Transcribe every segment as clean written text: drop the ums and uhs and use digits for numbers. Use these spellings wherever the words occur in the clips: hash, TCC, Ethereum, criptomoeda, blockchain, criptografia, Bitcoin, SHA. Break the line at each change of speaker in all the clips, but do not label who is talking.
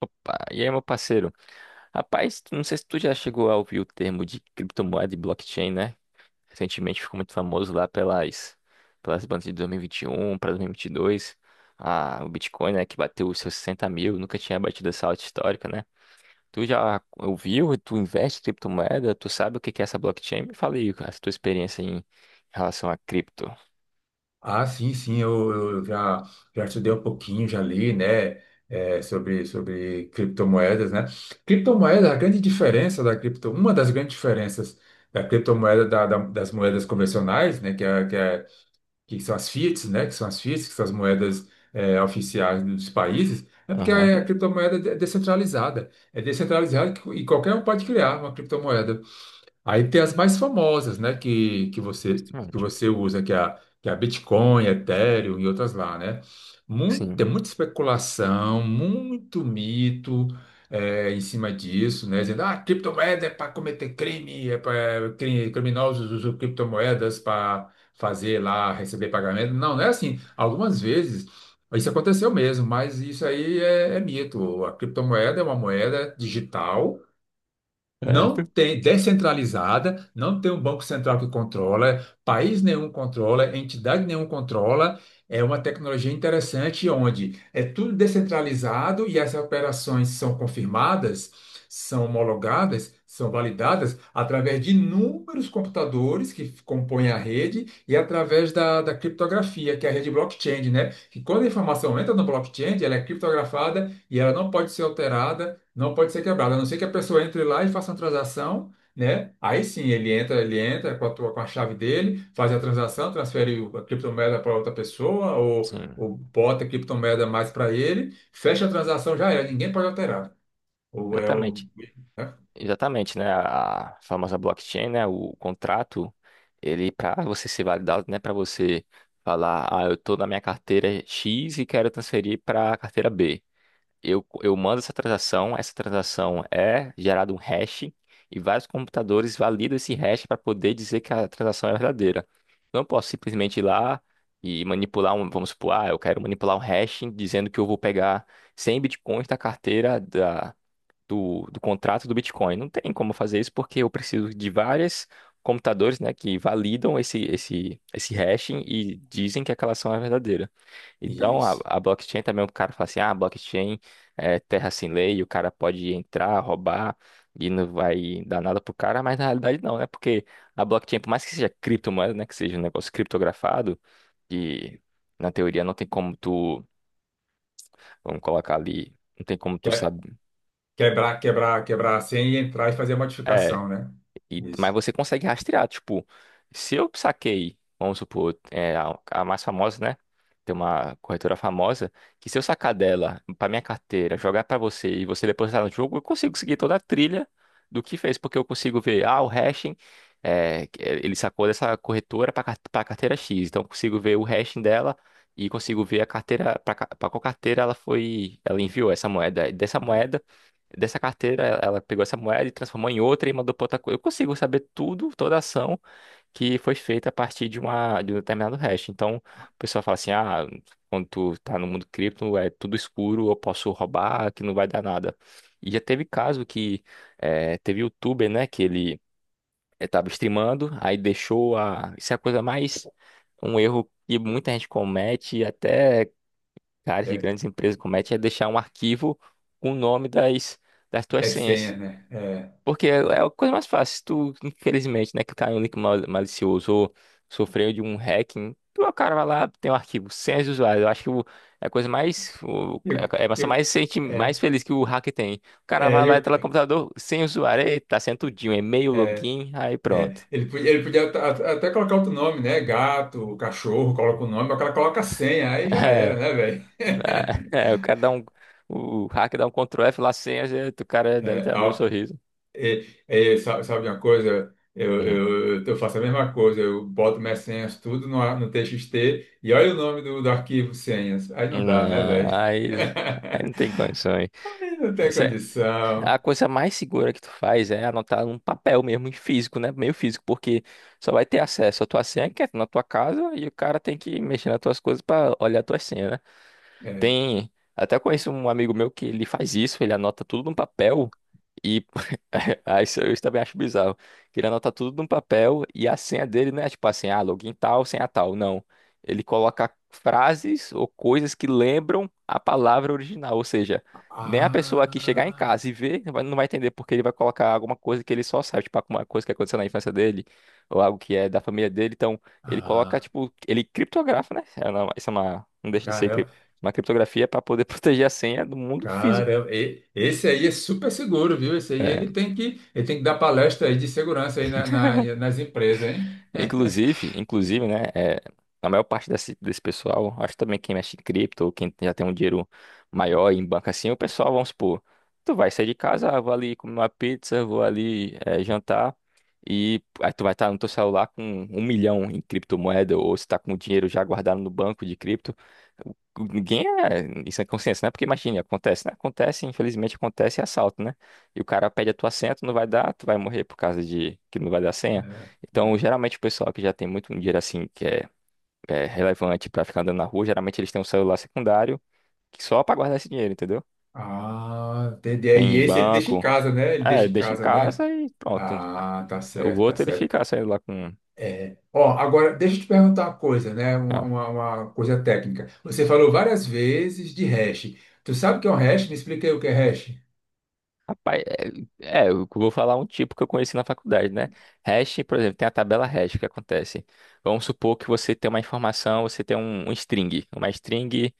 Opa, e aí, meu parceiro? Rapaz, não sei se tu já chegou a ouvir o termo de criptomoeda e blockchain, né? Recentemente ficou muito famoso lá pelas bandas de dois mil e vinte e um para 2022. Ah, o Bitcoin, né, que bateu os seus 60.000, nunca tinha batido essa alta histórica, né? Tu já ouviu? Tu investe em criptomoeda? Tu sabe o que que é essa blockchain? Me fala aí a tua experiência em relação a cripto.
Ah, sim, sim, eu já estudei um pouquinho, já li, né, sobre criptomoedas, né? Criptomoeda, a grande diferença da cripto, uma das grandes diferenças da criptomoeda das moedas convencionais, né, que são as fiats, né, que são as fiats, que são as moedas oficiais dos países, é porque
Aham.
é a criptomoeda é descentralizada, é descentralizada. E qualquer um pode criar uma criptomoeda. Aí tem as mais famosas, né, que você
Sim.
que você usa, que é a Bitcoin, Ethereum e outras lá, né?
Sim.
Tem muita especulação, muito mito em cima disso, né? Dizendo, ah, criptomoeda é para cometer crime, é para criminosos usam criptomoedas para fazer lá, receber pagamento. Não, não é assim. Algumas vezes isso aconteceu mesmo, mas isso aí é mito. A criptomoeda é uma moeda digital, não
Certo.
tem, descentralizada, não tem um banco central que controla, país nenhum controla, entidade nenhum controla. É uma tecnologia interessante onde é tudo descentralizado e as operações são confirmadas, são homologadas, são validadas através de inúmeros computadores que compõem a rede e através da criptografia, que é a rede blockchain, né? Que quando a informação entra no blockchain, ela é criptografada e ela não pode ser alterada, não pode ser quebrado, a não ser que a pessoa entre lá e faça uma transação, né? Aí sim, ele entra, ele entra com a chave dele, faz a transação, transfere a criptomoeda para outra pessoa, ou,
Sim,
ou bota a criptomoeda mais para ele, fecha a transação, já era, ninguém pode alterar. Ou é o,
exatamente.
né?
Exatamente, né? A famosa blockchain, né? O contrato, ele para você ser validado, né? Para você falar, ah, eu tô na minha carteira X e quero transferir para a carteira B. Eu mando essa transação é gerado um hash e vários computadores validam esse hash para poder dizer que a transação é verdadeira. Eu não posso simplesmente ir lá e manipular um, vamos supor, ah, eu quero manipular um hash dizendo que eu vou pegar 100 bitcoins da carteira do contrato do Bitcoin. Não tem como fazer isso porque eu preciso de vários computadores, né, que validam esse hashing e dizem que aquela ação é verdadeira. Então, a,
Isso.
a blockchain também, o cara fala assim, ah, blockchain é terra sem lei, o cara pode entrar, roubar e não vai dar nada pro cara, mas na realidade não, né? Porque a blockchain, por mais que seja criptomoeda, né, que seja um negócio criptografado, que na teoria não tem como tu, vamos colocar ali, não tem como
Que-
tu
é,
saber.
quebrar a senha e entrar e fazer a
é,
modificação, né?
E, mas
Isso.
você consegue rastrear, tipo, se eu saquei, vamos supor, a mais famosa, né? Tem uma corretora famosa, que se eu sacar dela pra minha carteira, jogar pra você e você depositar no jogo, eu consigo seguir toda a trilha do que fez, porque eu consigo ver, ah, o hashing, que é, ele sacou dessa corretora pra carteira X, então eu consigo ver o hashing dela e consigo ver a carteira, pra qual carteira ela foi, ela enviou essa
É,
moeda. Dessa carteira, ela pegou essa moeda e transformou em outra e mandou para outra coisa. Eu consigo saber tudo, toda a ação que foi feita a partir de um determinado hash. Então, o pessoal fala assim: ah, quando tu tá no mundo cripto, é tudo escuro, eu posso roubar, que não vai dar nada. E já teve caso que teve youtuber, né, que ele estava streamando, aí deixou a. Isso é a coisa mais. Um erro que muita gente comete, e até caras de
é,
grandes empresas cometem, é deixar um arquivo com o nome das tuas
é
senhas.
senha, né? É.
Porque é a coisa mais fácil. Se tu, infelizmente, né, clicar em um link malicioso ou sofreu de um hacking, o cara vai lá, tem um arquivo, senhas usuários. Eu acho que é a coisa mais.
Eu,
É a emoção
eu,
mais, sente, mais
é,
feliz que o hacker tem. O cara
é,
vai lá,
eu,
entra no computador, sem usuário, eita, tá sendo tudinho, e-mail,
é,
login, aí pronto.
Ele podia até colocar outro nome, né? Gato, cachorro, coloca o nome, mas o cara coloca a senha, aí já era,
É,
né, velho?
é, o cara dá um. O hacker dá um Ctrl F lá, senhas, eita, o cara deve
É,
ter abrido um
ó,
sorriso.
sabe uma coisa? Eu,
Hum.
eu, eu faço a mesma coisa, eu boto minhas senhas tudo no, no TXT, e olha o nome do arquivo: senhas. Aí não dá, né,
Não,
velho?
aí não tem condições.
Aí não tem
A
condição.
coisa mais segura que tu faz é anotar num papel mesmo, em físico, né? Meio físico, porque só vai ter acesso à tua senha, que é na tua casa, e o cara tem que mexer nas tuas coisas pra olhar a tua senha, né?
É.
Tem. Até conheço um amigo meu que ele faz isso, ele anota tudo num papel e. Isso eu também acho bizarro. Que ele anota tudo num papel e a senha dele não é tipo assim, ah, login tal, senha tal. Não. Ele coloca frases ou coisas que lembram a palavra original. Ou seja, nem a pessoa que chegar em
Ah,
casa e ver não vai entender porque ele vai colocar alguma coisa que ele só sabe, tipo alguma coisa que aconteceu na infância dele ou algo que é da família dele. Então, ele coloca,
ah,
tipo, ele criptografa, né? É uma- Isso é uma. Não deixa de ser
caramba.
uma criptografia é para poder proteger a senha do mundo físico.
Cara, esse aí é super seguro, viu? Esse aí
É,
ele tem que dar palestra aí de segurança aí nas empresas, hein?
Inclusive, né, a maior parte desse pessoal, acho também quem mexe em cripto, ou quem já tem um dinheiro maior em banco assim, é o pessoal, vamos supor, tu vai sair de casa, ah, vou ali comer uma pizza, vou ali jantar, e aí tu vai estar no teu celular com 1.000.000 em criptomoeda, ou se tá com o dinheiro já guardado no banco de cripto, ninguém isso é consciência, né, porque imagina, acontece, né, acontece, infelizmente acontece assalto, né, e o cara pede a tua senha, tu não vai dar, tu vai morrer por causa de que não vai dar senha.
É.
Então, geralmente o pessoal que já tem muito dinheiro assim, que é relevante pra ficar andando na rua, geralmente eles têm um celular secundário que só pra guardar esse dinheiro, entendeu?
Ah, entendi. E
Tem
esse ele deixa em
banco,
casa, né? Ele deixa em
deixa em
casa, né?
casa e pronto.
Ah, tá
O
certo, tá
outro ele
certo.
fica saindo lá com.
É. Ó, agora deixa eu te perguntar uma coisa, né? Uma,
Ah,
uma- uma coisa técnica. Você falou várias vezes de hash. Tu sabe o que é um hash? Me explica aí o que é hash.
rapaz, eu vou falar um tipo que eu conheci na faculdade, né? Hash, por exemplo, tem a tabela hash, o que acontece? Vamos supor que você tem uma informação, você tem um string, uma string.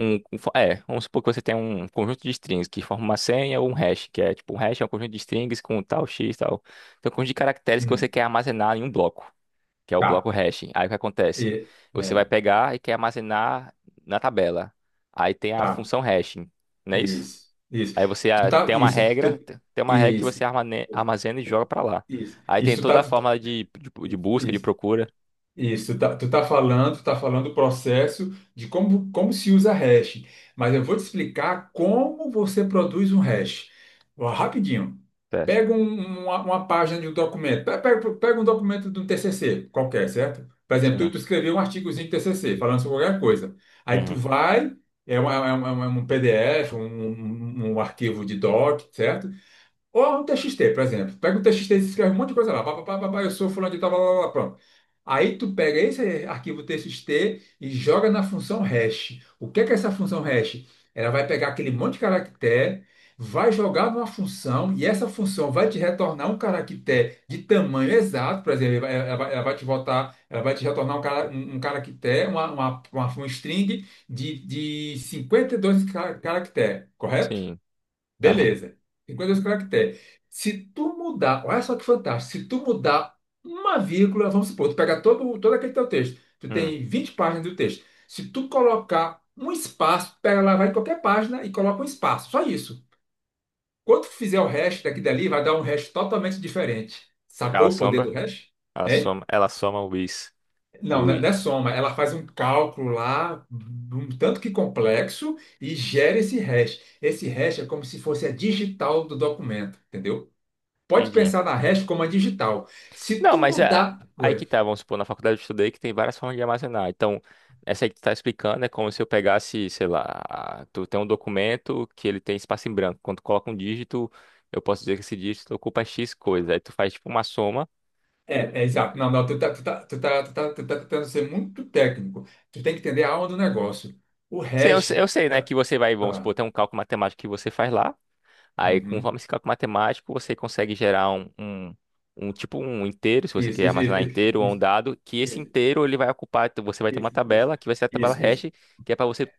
Vamos supor que você tem um conjunto de strings que forma uma senha ou um hash, que é tipo um hash é um conjunto de strings com tal x tal. Então, um conjunto de caracteres que você
Hum,
quer armazenar em um bloco, que é o bloco
tá.
hash. Aí o que acontece?
E-
Você vai
é.
pegar e quer armazenar na tabela. Aí tem a
Tá.
função hashing, não é isso?
Isso, isso.
Aí você tem uma
Isso,
regra, tem uma regra que você
isso,
armazena e joga pra lá.
isso,
Aí tem
isso.
toda a forma de busca, de
Isso.
procura.
Isso, tu tá falando o processo de como se usa hash, mas eu vou te explicar como você produz um hash. Ó, rapidinho.
Certo.
Pega uma página de um documento, pega um documento de um TCC qualquer, certo? Por exemplo, tu,
Sim.
tu escreveu um artigozinho de TCC falando sobre qualquer coisa. Aí tu
Uhum.
vai, é um PDF, um arquivo de doc, certo? Ou um TXT, por exemplo. Pega um TXT e escreve um monte de coisa lá. Pá, pá, pá, pá, pá, eu sou fulano de tal, blá, blá, blá, pronto. Aí tu pega esse arquivo TXT e joga na função hash. O que é essa função hash? Ela vai pegar aquele monte de caractere, vai jogar numa função, e essa função vai te retornar um caractere de tamanho exato. Por exemplo, ela vai, ela vai te voltar, ela vai te retornar um, cara, um caractere, um string de 52 caractere, correto?
Sim. Aham.
Beleza. 52 caracteres. Se tu mudar, olha só que fantástico. Se tu mudar uma vírgula, vamos supor, tu pega todo, aquele teu texto, tu
Hum.
tem 20 páginas do texto. Se tu colocar um espaço, tu pega lá, vai em qualquer página e coloca um espaço, só isso. Quando tu fizer o hash daqui e dali, vai dar um hash totalmente diferente.
Cala a
Sacou o poder do
sombra.
hash?
Ela
Hein?
soma, ela soma o is.
Não,
O
não é
i.
não é soma. Ela faz um cálculo lá, um tanto que complexo, e gera esse hash. Esse hash é como se fosse a digital do documento, entendeu? Pode
Entendi.
pensar na REST como a digital. Se
Não,
tu
mas é,
mudar.
aí que
Ué,
tá, vamos supor, na faculdade eu estudei que tem várias formas de armazenar. Então, essa aí que tu tá explicando é como se eu pegasse, sei lá, tu tem um documento que ele tem espaço em branco. Quando tu coloca um dígito, eu posso dizer que esse dígito ocupa X coisa. Aí tu faz tipo uma soma.
é exato. Não, não, tu tá tentando ser muito técnico. Tu tem que entender a alma do negócio. O
Sim, eu, sei-
hash
eu sei, né,
é.
que você vai, vamos supor,
Tá.
tem um cálculo matemático que você faz lá. Aí, com
Uhum.
vamos ficar com matemático, você consegue gerar um, tipo um inteiro, se você
Isso,
quer
isso,
armazenar
isso,
inteiro ou um
isso,
dado, que esse
isso,
inteiro ele vai ocupar, então, você vai ter uma
isso, isso,
tabela, que vai ser a tabela
isso,
hash,
isso.
que é para você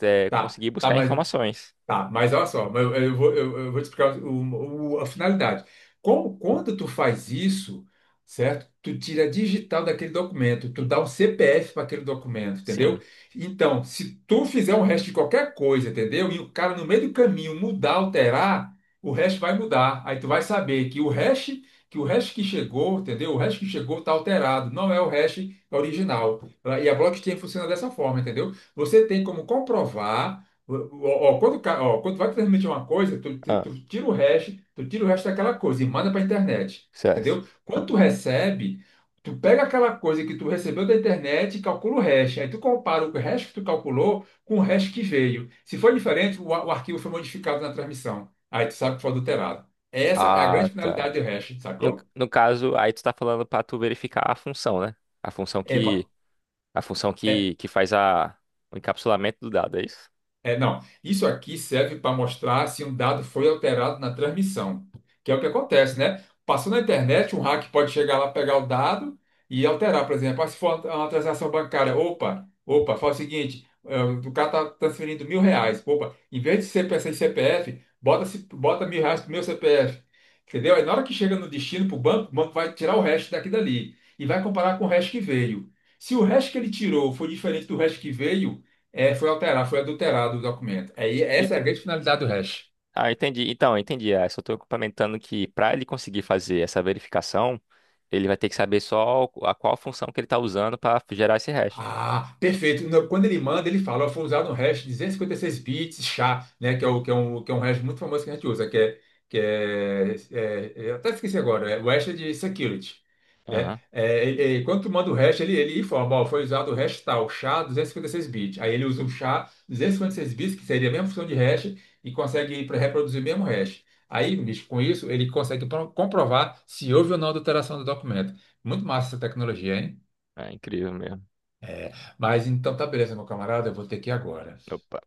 Tá.
conseguir
Tá,
buscar
mas
informações.
Tá, mas olha só, mas eu vou te explicar a finalidade. Como, quando tu faz isso, certo? Tu tira a digital daquele documento, tu dá um CPF para aquele documento, entendeu?
Sim.
Então, se tu fizer um resto de qualquer coisa, entendeu? E o cara no meio do caminho mudar, alterar, o resto vai mudar. Aí tu vai saber que o hash que chegou, entendeu? O hash que chegou está alterado, não é o hash original. E a blockchain funciona dessa forma, entendeu? Você tem como comprovar. Ó, ó, quando vai transmitir uma coisa,
Ah,
tu tira o hash, tu tira o hash daquela coisa e manda para a internet,
certo.
entendeu? Quando tu recebe, tu pega aquela coisa que tu recebeu da internet e calcula o hash. Aí tu compara o hash que tu calculou com o hash que veio. Se for diferente, o arquivo foi modificado na transmissão. Aí tu sabe que foi adulterado. Essa é a
Ah,
grande
tá.
finalidade do hash,
No,
sacou?
no caso, aí tu tá falando para tu verificar a função, né? A função
É, pa-
que a função que faz o encapsulamento do dado, é isso?
É, não. Isso aqui serve para mostrar se um dado foi alterado na transmissão, que é o que acontece, né? Passou na internet, um hack pode chegar lá, pegar o dado e alterar, por exemplo. Ah, se for uma transação bancária, opa, opa, faz o seguinte, o cara tá transferindo R$ 1.000, opa, em vez de ser para esse CPF, bota, -se, bota R$ 1.000 pro meu CPF, entendeu? Aí na hora que chega no destino, pro banco, o banco vai tirar o resto daqui e dali e vai comparar com o resto que veio. Se o resto que ele tirou foi diferente do resto que veio, foi alterado, foi adulterado o documento. Aí
E
essa é a grande finalidade do hash.
Ah, entendi. Então, entendi. Ah, só estou complementando que para ele conseguir fazer essa verificação, ele vai ter que saber só a qual função que ele está usando para gerar esse hash.
Ah, perfeito. Quando ele manda, ele fala, ó, foi usado um hash 256 bits SHA, né, que é um hash muito famoso que a gente usa, que é, eu até esqueci agora, é o hash de security, né?
Aham.
É, e quando tu manda o hash, ele informa, ó, foi usado o hash tal, SHA 256 bits. Aí ele usa o SHA 256 bits, que seria a mesma função de hash, e consegue reproduzir o mesmo hash. Aí, bicho, com isso, ele consegue comprovar se houve ou não adulteração do documento. Muito massa essa tecnologia, hein?
É incrível mesmo.
É, mas então tá beleza, meu camarada, eu vou ter que ir agora.
Opa.